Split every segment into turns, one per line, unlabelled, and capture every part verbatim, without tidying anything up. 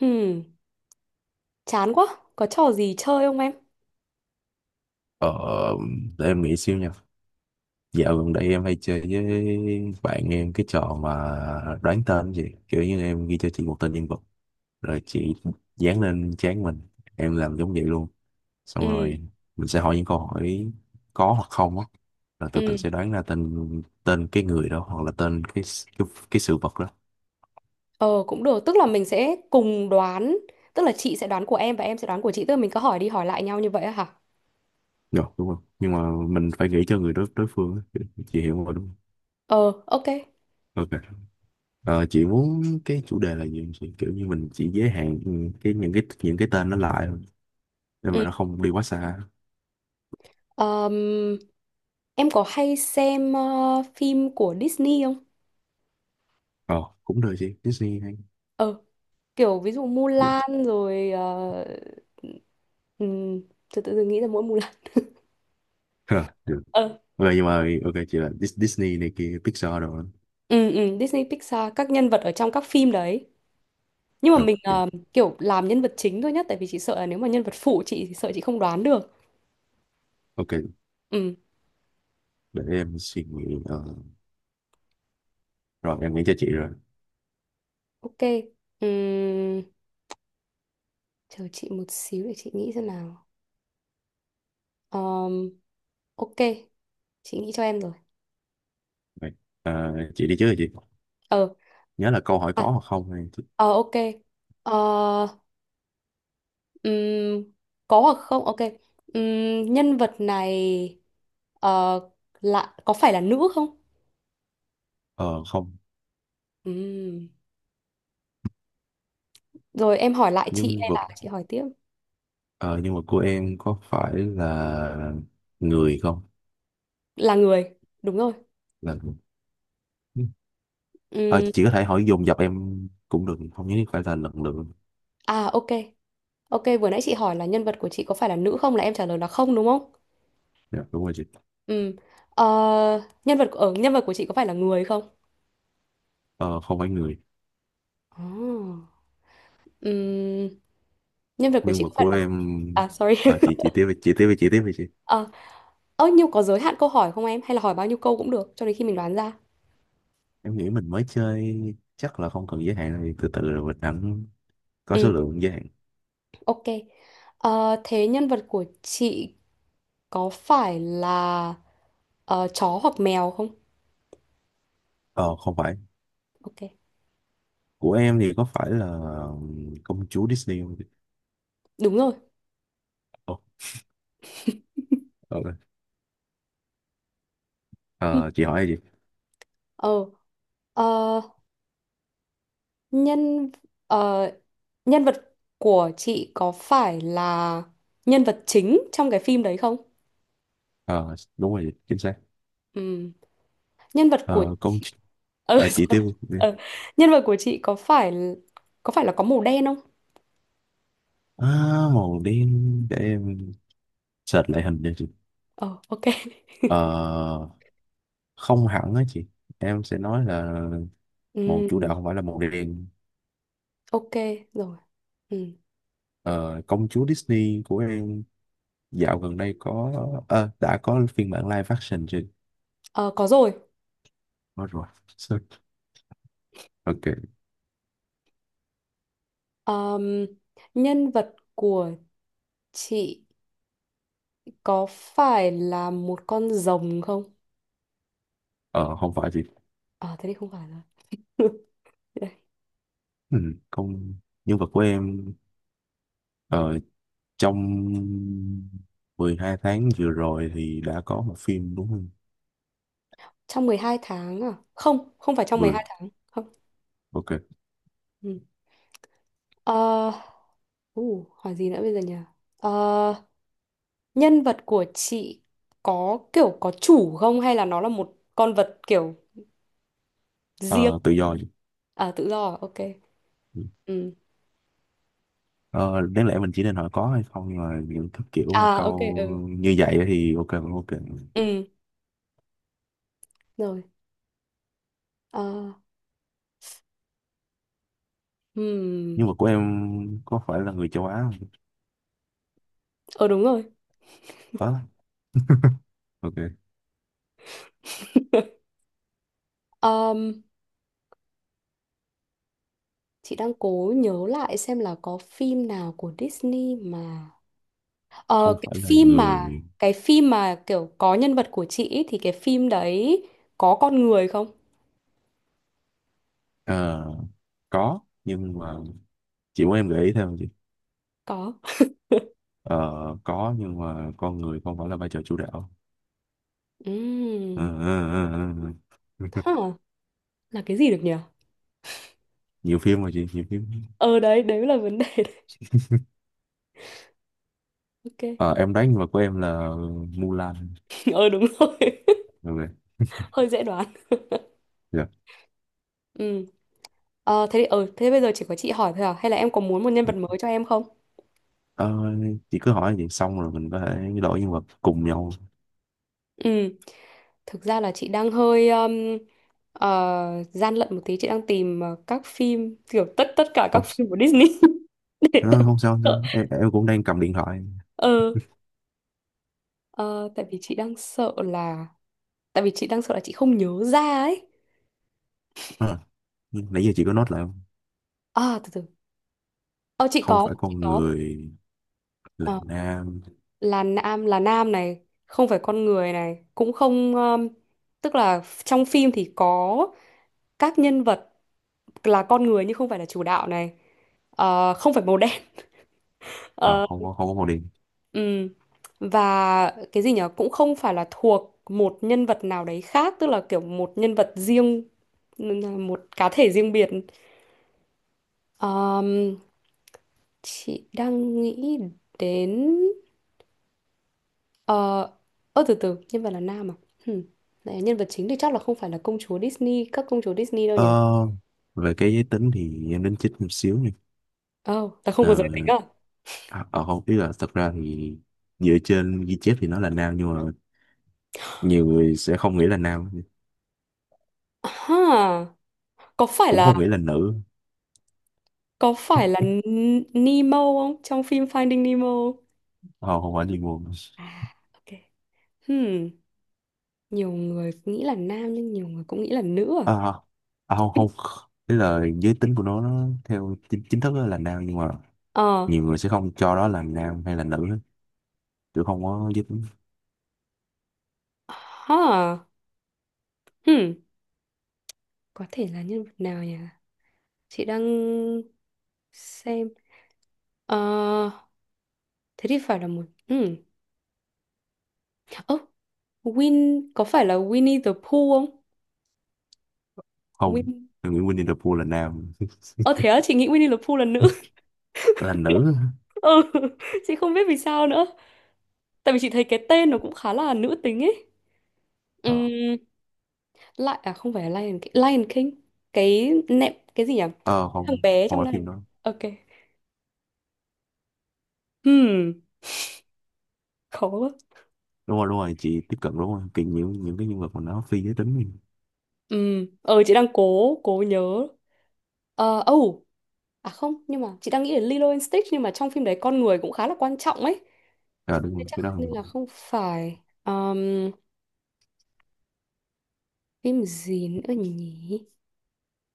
Ừm, Chán quá. Có trò gì chơi không em?
Ờ, để em nghĩ xíu nha. Dạo gần đây em hay chơi với bạn em cái trò mà đoán tên gì. Kiểu như em ghi cho chị một tên nhân vật. Rồi chị dán lên trán mình. Em làm giống vậy luôn. Xong
Ừ.
rồi mình sẽ hỏi những câu hỏi có hoặc không á. Rồi từ từ
Ừ.
sẽ đoán ra tên tên cái người đó hoặc là tên cái s- cái, cái sự vật đó.
Ờ Cũng được, tức là mình sẽ cùng đoán, tức là chị sẽ đoán của em và em sẽ đoán của chị, tức là mình cứ hỏi đi hỏi lại nhau như vậy á hả?
Rồi, đúng không? Nhưng mà mình phải nghĩ cho người đối đối phương á. Chị hiểu rồi đúng không?
Ờ, ok.
Ok. Ờ, chị muốn cái chủ đề là gì, chị kiểu như mình chỉ giới hạn ừ, cái những cái những cái tên nó lại thôi, nhưng mà
Ừm,
nó không đi quá xa.
ờm, em có hay xem ờ, phim của Disney không?
ờ Cũng được chị, Disney hay
Ờ, Kiểu ví dụ
gì.
Mulan rồi, ờ, ừm, tự tự dưng nghĩ ra mỗi Mulan.
Ờ, Được,
Ờ,
ok, nhưng mà ok, chị là Dis- Disney này kia, Pixar đồ đó.
ừ, ừ, Disney Pixar các nhân vật ở trong các phim đấy. Nhưng mà
Ờ,
mình
ok,
ờ, kiểu làm nhân vật chính thôi nhá, tại vì chị sợ là nếu mà nhân vật phụ chị thì sợ chị không đoán được.
ok,
Ừ.
để em suy nghĩ. Ờ, Rồi em nghĩ cho chị rồi.
Ok. Ừm, Chờ chị một xíu để chị nghĩ xem nào. Ờm, ok, chị nghĩ cho em rồi.
Vậy, ờ, chị đi trước rồi chị
Ờ.
nhớ là câu hỏi
à,
có hoặc không hay chị-
ờ ok. Ờ. ừm, có hoặc không, ok. Ừm, nhân vật này ờ, là có phải là nữ không?
ờ không.
Ừm. Rồi em hỏi lại chị
Nhân
hay
vật.
là chị hỏi tiếp?
ờ, Nhân vật của em có phải là người không?
Là người. Đúng rồi.
Là người. Ờ,
Ừm.
chị có thể hỏi dồn dập em cũng được, không nhất thiết phải là lần lượt.
À, ok. Ok, vừa nãy chị hỏi là nhân vật của chị có phải là nữ không, là em trả lời là không đúng không?
Dạ, đúng rồi chị.
Ừ. Ờ, nhân vật ở nhân vật của chị có phải là người không?
ờ, Không phải người.
Ồ. Ừm, Nhân vật của
Nhưng
chị
mà
có phải
của
là...
em.
À, sorry.
ờ, chị chị tiếp đi, chị tiếp đi, chị tiếp đi chị.
Ờ, ơ nhiêu có giới hạn câu hỏi không em, hay là hỏi bao nhiêu câu cũng được cho đến khi mình đoán ra?
Em nghĩ mình mới chơi, chắc là không cần giới hạn, thì từ từ rồi mình hẳn có số
Ừ,
lượng giới hạn.
ok. Ờ, thế nhân vật của chị có phải là ờ, chó hoặc mèo không?
ờ Không phải.
Ok.
Của em thì có phải là công chúa Disney không chị?
Đúng rồi.
Ồ, ờ,
Ừ.
ờ, chị hỏi gì?
Ờ, Ờ, nhân ờ, Nhân vật của chị có phải là nhân vật chính trong cái phim đấy không?
ờ, Đúng rồi chị, chính xác.
Ừm, Nhân vật của...
ờ, công ch-
ừ,
ờ, chị
sao-
tiếp đi.
ờ, Nhân vật của chị có phải có phải là có màu đen không?
À, màu đen, để em search lại hình cho chị.
Ờ, ok.
ờ Không hẳn á chị, em sẽ nói là màu chủ
Ừm,
đạo không phải là màu đen.
ok, rồi. Ừm.
ờ, Công chúa Disney của em dạo gần đây có, ờ, đã có phiên bản live action chưa?
Ờ, có rồi.
Có rồi. Sorry. Ok.
Ờm, Nhân vật của chị có phải là một con rồng không?
ờ, Không phải chị.
Ờ, thế thì không phải rồi. Đây,
ừ, Công, nhân vật của em, ờ, trong mười hai tháng vừa rồi thì đã có một phim đúng không?
trong mười hai tháng à? Không, không phải trong mười
Vừa.
hai tháng. Không.
Ok.
Ừ. Ờ, Uh, hỏi gì nữa bây giờ nhỉ? Ờ, nhân vật của chị có kiểu có chủ không, hay là nó là một con vật kiểu riêng?
Ờ, tự do chị.
À, tự do à? Ok. Ừ.
Ờ, đáng lẽ mình chỉ nên hỏi có hay không, nhưng mà những thứ kiểu mà
À, ok.
câu
Ừ.
như vậy thì ok, cũng ok.
Ừ, rồi. Ờ. Hmm.
Nhưng mà của em có phải là người châu Á không?
Ờ, đúng rồi.
Có. Ok.
Ờm, chị đang cố nhớ lại xem là có phim nào của Disney mà... Ờ,
Không
cái
phải là
phim mà
người.
cái phim mà kiểu có nhân vật của chị ý, thì cái phim đấy có con người không?
ờ, có, nhưng mà chị muốn em gợi ý thêm không chị?
Có.
Ờ, có, nhưng mà con người không phải là vai trò chủ đạo. Ờ,
Ừ.
ờ, ờ, ờ, ờ.
Là cái gì được nhỉ?
Nhiều phim mà chị, nhiều phim.
Ờ, đấy, đấy là vấn đề đấy. Ok.
Ờ, em đoán, nhưng mà của em là Mulan.
Ờ, đúng rồi.
Ok.
Hơi dễ đoán.
Dạ.
Ừ. ờ thế thì ờ thế bây giờ chỉ có chị hỏi thôi à, hay là em có muốn một nhân vật
Được.
mới cho em không?
Ờ, chị cứ hỏi vậy, xong rồi mình có thể đổi nhân vật cùng nhau.
Ừ. Thực ra là chị đang hơi um, ờ, gian lận một tí, chị đang tìm ờ, các phim kiểu tất tất cả các
Không,
phim của Disney. Để tại
ờ,
vì
không sao không
sợ.
sao. Em, em cũng đang cầm điện thoại.
Ờ. ờ, Tại vì chị đang sợ là, tại vì chị đang sợ là chị không nhớ ra ấy.
Ờ, nãy giờ chị có note lại không?
À, từ từ. ờ chị
Không
có,
phải
chị
con
có.
người, là
Ờ,
nam,
là nam, là nam này. Không phải con người này, cũng không. Um, tức là trong phim thì có các nhân vật là con người nhưng không phải là chủ đạo này. Ờ, không phải màu đen.
và
Ờ.
không có, không có màu đen.
ừm. Và cái gì nhở? Cũng không phải là thuộc một nhân vật nào đấy khác, tức là kiểu một nhân vật riêng, một cá thể riêng biệt. Ờm, chị đang nghĩ đến... Ờ, ơ từ từ, nhân vật là nam à? Hmm. Này, nhân vật chính thì chắc là không phải là công chúa Disney, các công chúa Disney đâu nhỉ?
ờ, Về cái giới tính thì em đến chích một xíu nha.
Ồ, là không
ờ,
có giới tính à?
à, ờ, Không, ý là thật ra thì dựa trên ghi chép thì nó là nam, nhưng mà nhiều người sẽ không nghĩ là nam,
Ha, có phải
cũng
là
không nghĩ là nữ.
có phải là N- Nemo không? Trong phim Finding Nemo không?
Ờ, không không phải liên quan.
À, ok. Hmm, nhiều người nghĩ là nam nhưng nhiều người cũng nghĩ là nữ à?
à, à, Không không, ý là giới tính của nó, nó theo chính, chính thức là nam, nhưng mà
Ờ.
nhiều người sẽ không cho đó là nam hay là nữ hết, chứ không có giới tính.
Ha. Hmm, có thể là nhân vật nào nhỉ? Chị đang xem. Ờ, thế thì phải là một... Hmm. Win có phải là Winnie the Pooh không?
Không.
Win.
Em nghĩ Winnie the Pooh là nam.
Ờ thế á, chị nghĩ Winnie the Pooh là nữ.
Là nữ.
Ừ, chị không biết vì sao nữa. Tại vì chị thấy cái tên nó cũng khá là nữ tính ấy.
Ờ,
Ừm, Lại à không phải là Lion King, Lion King. Cái nệm cái gì nhỉ?
Ờ,
Thằng
không,
bé
không
trong
phải
này.
phim đó.
Ok. Hmm, khó quá.
Đúng rồi, đúng rồi, chị tiếp cận đúng rồi, kiểu nhiều những cái nhân vật mà nó phi giới tính ấy.
Ừm, ờ chị đang cố cố nhớ. Ờ, oh, à không, nhưng mà chị đang nghĩ đến Lilo and Stitch nhưng mà trong phim đấy con người cũng khá là quan trọng ấy.
À đúng
Thế
rồi
chắc
cái đó
nên là
không-
không phải. Ờm, Phim gì nữa nhỉ?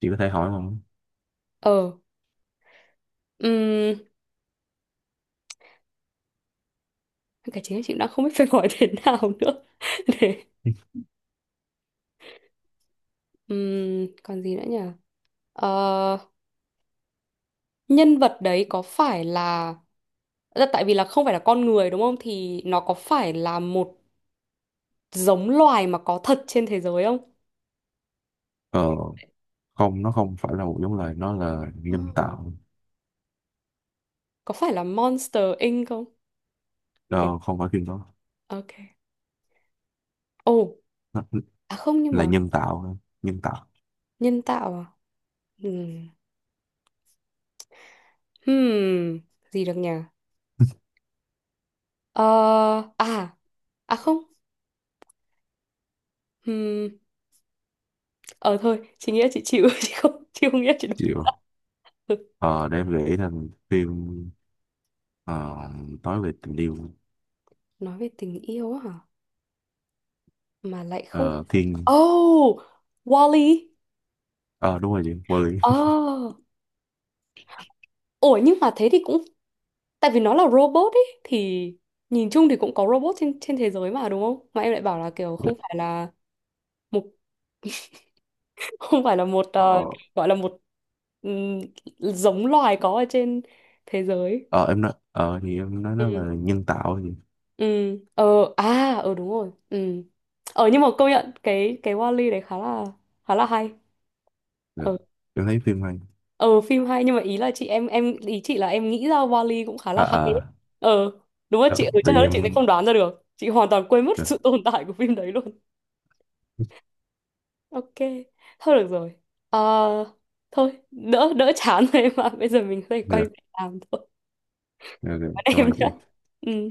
chị có thể hỏi không?
Ờ, um, cả chính là chị đã không biết phải gọi thế nào nữa. Để, ừm, còn gì nữa nhỉ? Ờ, nhân vật đấy có phải là, là tại vì là không phải là con người đúng không? Thì nó có phải là một giống loài mà có thật trên thế giới không?
ờ Không, nó không phải là một giống loài, nó là
Ờ.
nhân tạo.
Có phải là Monster Inc không? Cái,
Ờ, không phải phim đó.
ok. Ồ,
Nó
à không nhưng
là
mà
nhân tạo nhân tạo.
nhân tạo à? Ừm. Hmm, gì được nhỉ? Ờ, à, à không. Ờ thôi chị nghĩ là chị chịu chị không chị không nghĩ là chị đoán
Chịu.
ra. Ừ.
Ờ để em nghĩ thành phim, ờ, nói về tình yêu.
Nói về tình yêu á hả, mà lại không
ờ,
phải...
Thiên.
Oh, Wall-E.
Ờ đúng rồi chị, vô lý.
Oh, ủa nhưng mà thế thì cũng... Tại vì nó là robot ấy thì nhìn chung thì cũng có robot trên trên thế giới mà đúng không, mà em lại bảo là kiểu không phải là một không phải là một,
ờ,
ờ, gọi là một, ừm, giống loài có ở trên thế giới.
ờ, em nói, ờ thì em nói nó là nhân tạo gì.
Ừ. Ờ, à, ờ đúng rồi. Ừ. Ờ nhưng mà công nhận cái cái Wall-E đấy khá là khá là hay.
Dạ.
Ờ.
Em thấy phim hay.
Ờ phim hay, nhưng mà ý là chị em em ý chị là em nghĩ ra Wall-E cũng khá
à
là hay đấy.
à
Ờ, đúng rồi
ờ,
chị. Ừ, chắc
Tại
chắn
vì
là chị sẽ
em.
không đoán ra được. Chị hoàn toàn quên mất
Dạ.
sự tồn tại của phim đấy luôn. Ok, thôi được rồi. Ờ, thôi, đỡ đỡ chán rồi em ạ. Bây giờ mình có thể quay
Dạ.
về làm thôi.
Dạ, dạ,
Bạn
cảm
em
ơn
nhé.
chị.
Ừ.